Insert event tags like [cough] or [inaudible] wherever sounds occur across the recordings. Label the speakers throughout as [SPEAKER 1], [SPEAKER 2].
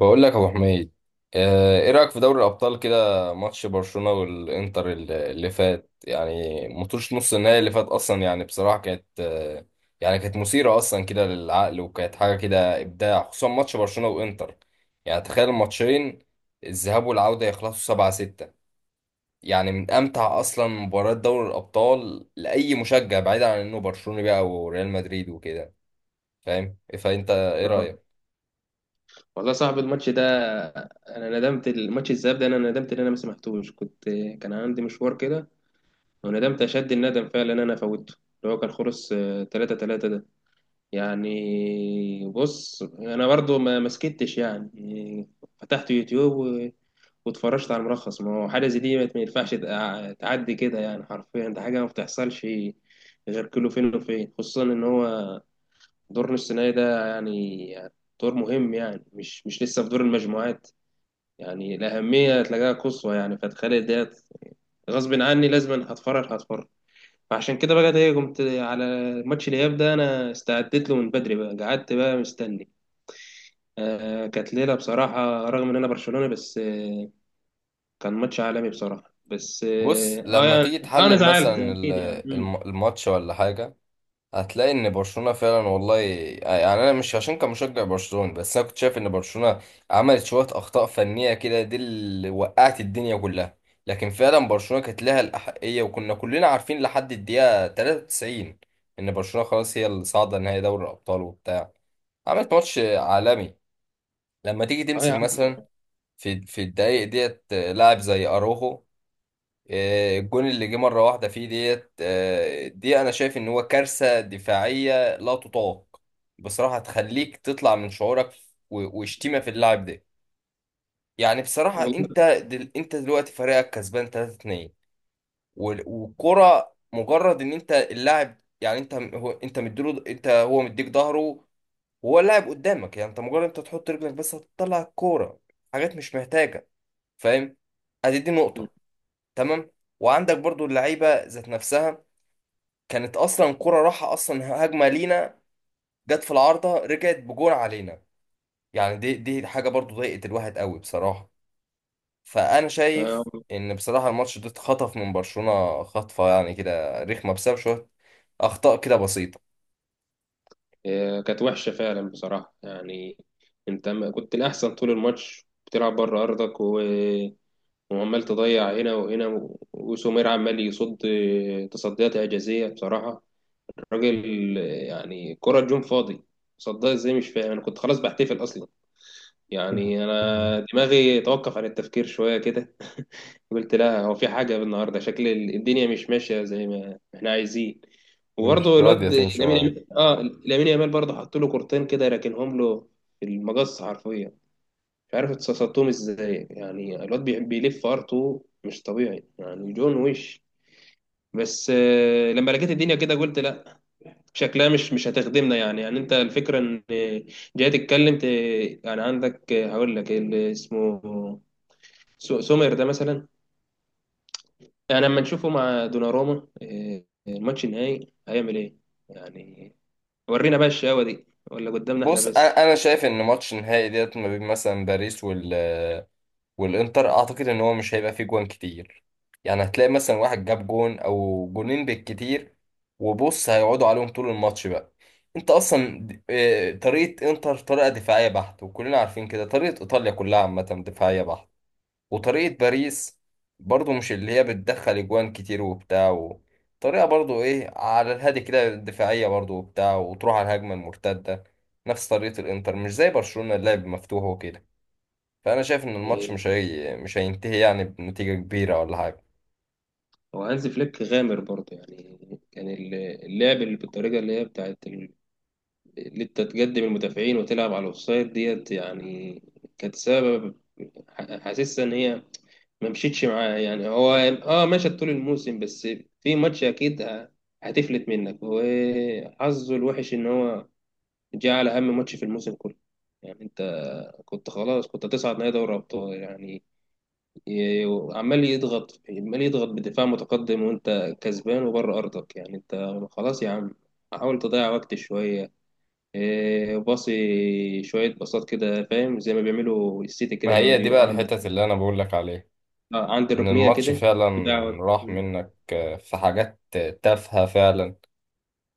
[SPEAKER 1] بقول لك يا ابو حميد. ايه رايك في دوري الابطال كده؟ ماتش برشلونه والانتر اللي فات، يعني ماتش نص النهائي اللي فات اصلا، يعني بصراحه كانت يعني كانت مثيره اصلا كده للعقل، وكانت حاجه كده ابداع، خصوصا ماتش برشلونه وانتر. يعني تخيل الماتشين، الذهاب والعوده يخلصوا 7-6. يعني من امتع اصلا مباريات دوري الابطال لاي مشجع، بعيدا عن انه برشلوني بقى وريال مدريد وكده. فاهم؟ فانت ايه
[SPEAKER 2] اه،
[SPEAKER 1] رايك؟
[SPEAKER 2] والله صاحب الماتش ده. انا ندمت الماتش الذهاب ده، انا ندمت ان انا ما سمعتوش. كنت كان عندي مشوار كده. وندمت اشد الندم فعلا ان انا فوتته، اللي هو كان خلص 3-3 ده. يعني بص انا برضو ما مسكتش يعني، فتحت يوتيوب واتفرجت على الملخص. ما هو حاجه زي دي ما ينفعش تعدي كده، يعني حرفيا ده حاجه ما بتحصلش، غير كله فين وفين. خصوصا ان هو دور نص نهائي ده، يعني دور مهم، يعني مش لسه في دور المجموعات. يعني الأهمية تلاقيها قصوى، يعني فتخيل ديت غصب عني لازم هتفرج هتفرج. فعشان كده بقى ايه، قمت على ماتش الإياب ده، أنا استعدت له من بدري بقى، قعدت بقى مستني. آه، كانت ليلة بصراحة رغم إن أنا برشلوني، بس آه، كان ماتش عالمي بصراحة. بس
[SPEAKER 1] بص
[SPEAKER 2] اه آه،
[SPEAKER 1] لما
[SPEAKER 2] يعني-
[SPEAKER 1] تيجي
[SPEAKER 2] أنا
[SPEAKER 1] تحلل
[SPEAKER 2] زعلت
[SPEAKER 1] مثلا
[SPEAKER 2] أكيد، يعني
[SPEAKER 1] الماتش ولا حاجة، هتلاقي ان برشلونة فعلا والله، يعني انا مش عشان كان مشجع برشلونة، بس انا كنت شايف ان برشلونة عملت شوية اخطاء فنية كده، دي اللي وقعت الدنيا كلها. لكن فعلا برشلونة كانت لها الأحقية، وكنا كلنا عارفين لحد الدقيقة 93 ان برشلونة خلاص هي اللي صاعدة نهائي دوري الأبطال وبتاع. عملت ماتش عالمي. لما تيجي
[SPEAKER 2] اه يا
[SPEAKER 1] تمسك
[SPEAKER 2] عم،
[SPEAKER 1] مثلا في الدقايق ديت لاعب زي اروخو، الجون اللي جه مرة واحدة فيه ديت، دي أنا شايف إن هو كارثة دفاعية لا تطاق بصراحة، تخليك تطلع من شعورك وشتيمة في اللاعب ده. يعني بصراحة أنت
[SPEAKER 2] والله.
[SPEAKER 1] أنت دلوقتي فريقك كسبان 3-2، والكرة مجرد إن أنت اللاعب، يعني أنت هو أنت مديله، أنت هو مديك ظهره وهو اللاعب قدامك، يعني أنت مجرد أنت تحط رجلك بس هتطلع الكورة. حاجات مش محتاجة. فاهم؟ أدي دي نقطة. تمام. وعندك برضو اللعيبة ذات نفسها، كانت اصلا كرة راحة، اصلا هجمة لينا، جت في العارضة رجعت بجون علينا. يعني دي حاجة برضو ضايقت الواحد قوي بصراحة. فانا
[SPEAKER 2] آه،
[SPEAKER 1] شايف ان بصراحة الماتش ده اتخطف من برشلونة خطفة، يعني كده رخمة، بسبب شوية اخطاء كده بسيطة.
[SPEAKER 2] كانت وحشة فعلا بصراحة يعني. انت كنت الأحسن طول الماتش، بتلعب بره أرضك وعمال تضيع هنا وهنا، وسومير عمال يصد، تصديات إعجازية بصراحة الراجل. يعني كرة جون فاضي، صدها ازاي مش فاهم. أنا كنت خلاص بحتفل أصلا، يعني
[SPEAKER 1] [laughs]
[SPEAKER 2] انا دماغي توقف عن التفكير شويه كده. [laughs] قلت لا، هو في حاجه النهارده، شكل الدنيا مش ماشيه زي ما احنا عايزين.
[SPEAKER 1] مش
[SPEAKER 2] وبرضه
[SPEAKER 1] راضية
[SPEAKER 2] الواد
[SPEAKER 1] تمشي معايا.
[SPEAKER 2] لامين، اه لامين يامال برضه حط له كورتين كده، راكنهم له في المقص حرفيا. مش عارف اتصصتهم ازاي، يعني الواد بيلف ارتو مش طبيعي، يعني جون وش. بس لما لقيت الدنيا كده قلت لا، شكلها مش هتخدمنا. يعني يعني انت الفكره ان جاي تتكلم يعني عندك، هقول لك اللي اسمه سومر ده مثلا، يعني لما نشوفه مع دوناروما الماتش النهائي هيعمل ايه يعني. ورينا بقى الشقاوة دي، ولا قدامنا احنا
[SPEAKER 1] بص
[SPEAKER 2] بس؟
[SPEAKER 1] أنا شايف ان ماتش النهائي ديت ما بين مثلا باريس والانتر، اعتقد ان هو مش هيبقى فيه جوان كتير. يعني هتلاقي مثلا واحد جاب جون او جونين بالكتير، وبص هيقعدوا عليهم طول الماتش بقى. انت اصلا طريقة انتر طريقة دفاعية بحتة، وكلنا عارفين كده طريقة ايطاليا كلها عامة دفاعية بحتة. وطريقة باريس برضو مش اللي هي بتدخل جوان كتير وبتاع طريقة برضو ايه على الهادي كده، دفاعية برضو وبتاع، وتروح على الهجمة المرتدة نفس طريقة الانتر، مش زي برشلونة اللعب مفتوح وكده. فانا شايف ان الماتش
[SPEAKER 2] آه،
[SPEAKER 1] مش هينتهي يعني بنتيجة كبيرة ولا حاجة.
[SPEAKER 2] هو هانز فليك غامر برضه يعني. كان اللعب اللي بالطريقة اللي هي بتاعت اللي انت تقدم المدافعين وتلعب على الاوفسايد ديت، يعني كانت سبب، حاسسها ان هي ما مشيتش معاه. يعني هو اه مشى طول الموسم، بس في ماتش اكيد هتفلت منك، وحظه الوحش ان هو جه على اهم ماتش في الموسم كله. يعني انت كنت خلاص، كنت هتصعد نهائي دوري ابطال يعني. ي- عمال يضغط عمال يضغط بدفاع متقدم، وانت كسبان وبره ارضك، يعني انت خلاص يا عم حاول تضيع وقت شويه. إيه، باصي شويه باصات كده فاهم، زي ما بيعملوا السيتي كده
[SPEAKER 1] ما
[SPEAKER 2] لما
[SPEAKER 1] هي دي
[SPEAKER 2] بيروحوا
[SPEAKER 1] بقى
[SPEAKER 2] عند
[SPEAKER 1] الحتت اللي انا بقول لك عليها،
[SPEAKER 2] عند
[SPEAKER 1] ان
[SPEAKER 2] الركنيه
[SPEAKER 1] الماتش
[SPEAKER 2] كده
[SPEAKER 1] فعلا
[SPEAKER 2] بتاع.
[SPEAKER 1] راح منك، في حاجات تافهة فعلا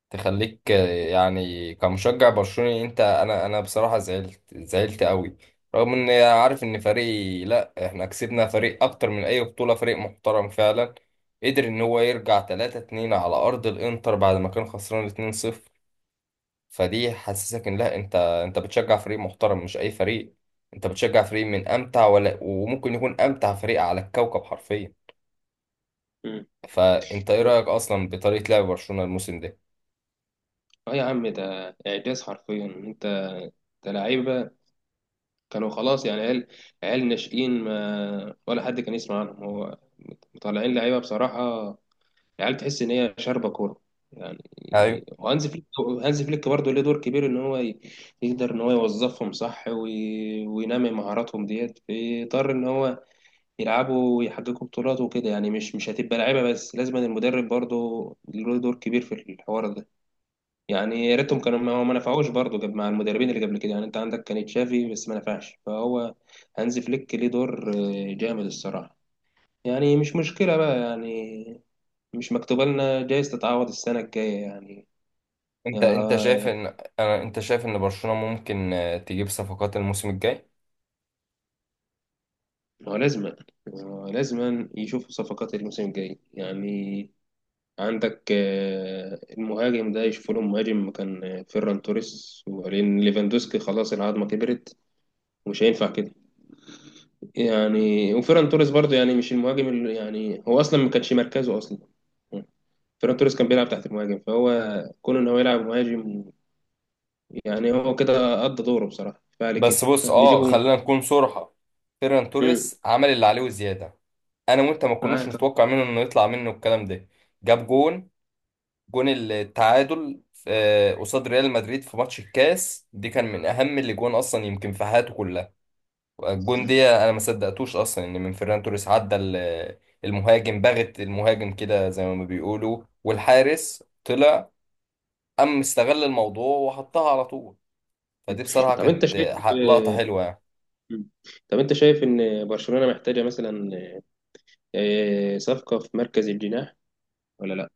[SPEAKER 1] تخليك، يعني كمشجع برشلوني، انت انا انا بصراحة زعلت، زعلت قوي، رغم ان عارف ان فريق لا احنا كسبنا فريق اكتر من اي بطولة، فريق محترم فعلا قدر ان هو يرجع 3-2 على ارض الانتر بعد ما كان خسران 2-0. فدي حسسك ان لا، انت بتشجع فريق محترم مش اي فريق، انت بتشجع فريق من امتع، ولا وممكن يكون امتع فريق على الكوكب حرفيا.
[SPEAKER 2] مم.
[SPEAKER 1] فانت ايه رايك اصلا بطريقه لعب برشلونه الموسم ده؟
[SPEAKER 2] اه يا عم، ده اعجاز حرفيا. انت ده لعيبه كانوا خلاص يعني، عيال، عيال ناشئين ما ولا حد كان يسمع عنهم، هو مطلعين لعيبه بصراحه، عيال تحس ان هي شاربه كوره يعني.
[SPEAKER 1] ايوه.
[SPEAKER 2] وهانز فليك، هانز فليك برضه ليه دور كبير، ان هو يقدر ان هو يوظفهم صح، وينمي مهاراتهم ديت، فيضطر ان هو يلعبوا ويحققوا بطولات وكده. يعني مش هتبقى لعيبه بس، لازم المدرب برضه له دور كبير في الحوار ده. يعني يا ريتهم كانوا، ما هو ما نفعوش برضه جاب مع المدربين اللي قبل كده. يعني انت عندك كان تشافي بس ما نفعش، فهو هانز فليك ليه دور جامد الصراحة. يعني مش مشكلة بقى يعني، مش مكتوبة لنا، جايز تتعوض السنة الجاية يعني.
[SPEAKER 1] انت انت شايف
[SPEAKER 2] آه،
[SPEAKER 1] ان انت شايف ان برشلونه ممكن تجيب صفقات الموسم الجاي؟
[SPEAKER 2] هو لازما، هو لازما يشوفوا صفقات الموسم الجاي يعني. عندك المهاجم ده يشوفوا له مهاجم مكان فيران توريس، وبعدين ليفاندوسكي خلاص العظمة كبرت ومش هينفع كده يعني. وفيران توريس برضه يعني مش المهاجم اللي يعني، هو اصلا ما كانش مركزه اصلا، فيران توريس كان بيلعب تحت المهاجم، فهو كون ان هو يلعب مهاجم، يعني هو كده قضى دوره بصراحه فعلي كده
[SPEAKER 1] بس بص اه،
[SPEAKER 2] نجيبه.
[SPEAKER 1] خلينا نكون صراحه، فيران
[SPEAKER 2] امم،
[SPEAKER 1] توريس عمل اللي عليه وزياده. انا وانت ما كناش
[SPEAKER 2] معاك.
[SPEAKER 1] نتوقع منه انه يطلع منه الكلام ده. جاب جون، جون التعادل قصاد ريال مدريد في ماتش الكاس دي، كان من اهم الاجوان اصلا يمكن في حياته كلها. الجون
[SPEAKER 2] مم.
[SPEAKER 1] دي انا ما صدقتوش اصلا، ان من فيران توريس عدى المهاجم، بغت المهاجم كده زي ما بيقولوا، والحارس طلع، قام استغل الموضوع وحطها على طول. فدي بصراحة
[SPEAKER 2] طب انت
[SPEAKER 1] كانت
[SPEAKER 2] شايف،
[SPEAKER 1] لقطة حلوة يعني.
[SPEAKER 2] مم. طب انت شايف ان برشلونه محتاجه مثلا صفقه في مركز الجناح ولا لا؟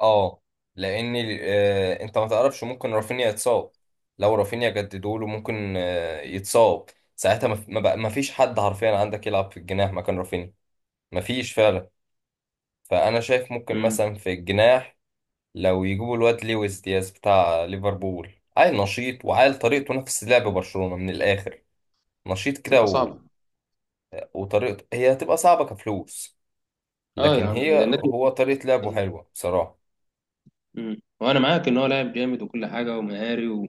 [SPEAKER 1] اه، لان انت ما تعرفش، ممكن رافينيا يتصاب. لو رافينيا جددوا له، ممكن آه يتصاب، ساعتها ما في- ما بقى- ما فيش حد حرفيا عندك يلعب في الجناح مكان رافينيا، ما فيش فعلا. فانا شايف ممكن
[SPEAKER 2] مم.
[SPEAKER 1] مثلا في الجناح لو يجيبوا الواد لويس دياز بتاع ليفربول، عيل نشيط، وعيل طريقته نفس لعب برشلونة من الاخر، نشيط كده
[SPEAKER 2] تبقى صعبة.
[SPEAKER 1] وطريقته هي هتبقى صعبة كفلوس،
[SPEAKER 2] اه يا
[SPEAKER 1] لكن
[SPEAKER 2] عم ده النادي.
[SPEAKER 1] هو طريقة لعبه حلوة بصراحة.
[SPEAKER 2] وانا معاك ان هو لاعب جامد وكل حاجه ومهاري،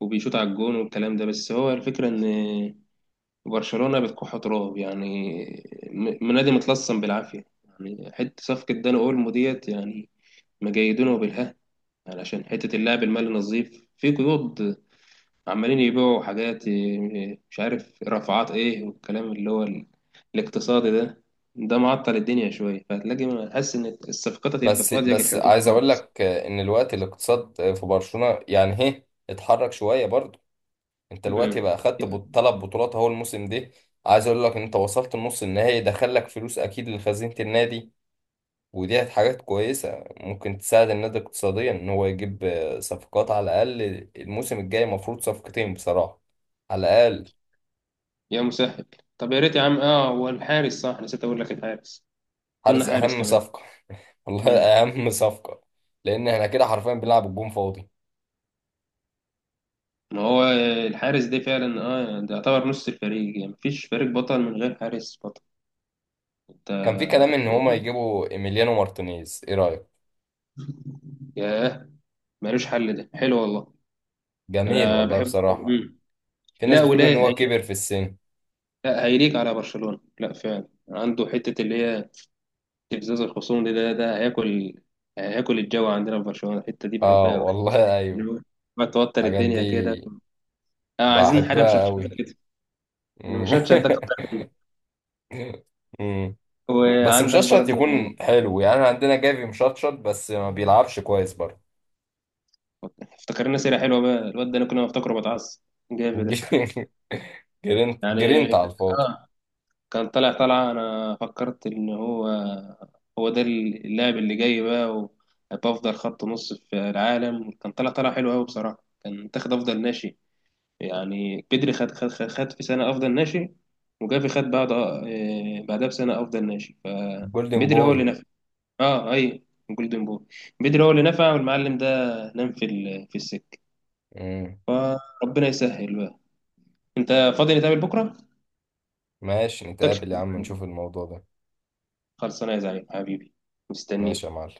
[SPEAKER 2] وبيشوط على الجون والكلام ده، بس هو الفكرة إن برشلونة بتكح تراب يعني، نادي متلصم بالعافية يعني. حتة صفقة داني أولمو ديت يعني مجيدونه بالها، يعني عشان حتة اللاعب المالي نظيف في قيود، عمالين يبيعوا حاجات إيه، مش عارف رفعات إيه، والكلام اللي هو الاقتصادي ده. ده معطل الدنيا شوية، فهتلاقي حاسس إن الصفقات هتبقى
[SPEAKER 1] بس
[SPEAKER 2] في أضيق
[SPEAKER 1] بس
[SPEAKER 2] الحدود
[SPEAKER 1] عايز اقول
[SPEAKER 2] خالص.
[SPEAKER 1] لك ان الوقت الاقتصاد في برشلونة يعني هي اتحرك شوية برضو. انت الوقت
[SPEAKER 2] مم.
[SPEAKER 1] بقى خدت 3 بطولات اهو الموسم ده. عايز اقول لك ان انت وصلت النص النهائي، دخلك فلوس اكيد لخزينة النادي، ودي حاجات كويسة ممكن تساعد النادي اقتصاديا ان هو يجيب صفقات على الاقل. الموسم الجاي مفروض صفقتين بصراحة، على الاقل.
[SPEAKER 2] يا مسهل. طب يا ريت يا عم، اه هو الحارس صح نسيت اقول لك، الحارس كنا
[SPEAKER 1] حارس
[SPEAKER 2] حارس
[SPEAKER 1] اهم
[SPEAKER 2] كمان.
[SPEAKER 1] صفقة. [laughs] والله
[SPEAKER 2] مم.
[SPEAKER 1] اهم صفقة، لان احنا كده حرفيا بنلعب الجون فاضي.
[SPEAKER 2] ما هو الحارس ده فعلا اه، ده يعتبر نص الفريق، يعني مفيش فريق بطل من غير حارس بطل. انت،
[SPEAKER 1] كان في كلام ان هما يجيبوا ايميليانو مارتينيز، ايه رأيك؟
[SPEAKER 2] ياه، ملوش حل ده، حلو والله.
[SPEAKER 1] جميل
[SPEAKER 2] انا
[SPEAKER 1] والله
[SPEAKER 2] بحبه.
[SPEAKER 1] بصراحة. في ناس
[SPEAKER 2] لا،
[SPEAKER 1] بتقول ان هو كبر في السن.
[SPEAKER 2] لا، هيليق على برشلونة. لا فعلا عنده حتة اللي هي استفزاز الخصوم دي، ده، ده هياكل، هياكل الجو عندنا في برشلونة الحتة دي
[SPEAKER 1] اه
[SPEAKER 2] بحبها قوي.
[SPEAKER 1] والله. [laughs] ايوه،
[SPEAKER 2] اللي هو بتوتر
[SPEAKER 1] الحاجات دي
[SPEAKER 2] الدنيا كده. اه، عايزين حاجة
[SPEAKER 1] بحبها
[SPEAKER 2] مشطشطة
[SPEAKER 1] قوي.
[SPEAKER 2] كده. المشطشط ده كتر
[SPEAKER 1] [laughs]
[SPEAKER 2] منه.
[SPEAKER 1] أمم. بس
[SPEAKER 2] وعندك
[SPEAKER 1] مشطشط
[SPEAKER 2] برضو،
[SPEAKER 1] يكون حلو يعني، أنا عندنا جافي مشطشط بس ما بيلعبش كويس برضه.
[SPEAKER 2] افتكرنا سيرة حلوة بقى، الواد ده أنا كنا بفتكره بتعصب، جافي ده
[SPEAKER 1] [laughs] جرينت
[SPEAKER 2] يعني.
[SPEAKER 1] جرينت على الفاضي.
[SPEAKER 2] آه، كان طالع طالعة، أنا فكرت إن هو، هو ده اللاعب اللي جاي بقى وهيبقى أفضل خط نص في العالم، كان طالع طالع حلو أوي بصراحة، كان تاخد أفضل ناشئ يعني بدري. خد خد في سنة أفضل ناشئ، وجافي خد بعد بعدها بسنة أفضل ناشئ،
[SPEAKER 1] جولدن
[SPEAKER 2] فبدري هو
[SPEAKER 1] بوي.
[SPEAKER 2] اللي نفع. أه أي، جولدن بوي. بدري هو اللي نفع، والمعلم ده نام في في السكة.
[SPEAKER 1] أمم.
[SPEAKER 2] فربنا يسهل بقى. انت فاضي نتقابل بكره؟
[SPEAKER 1] ماشي
[SPEAKER 2] متكش،
[SPEAKER 1] نتقابل يا عم، نشوف الموضوع ده.
[SPEAKER 2] خلصانه يا زعيم حبيبي،
[SPEAKER 1] ماشي يا
[SPEAKER 2] مستنيك
[SPEAKER 1] معلم.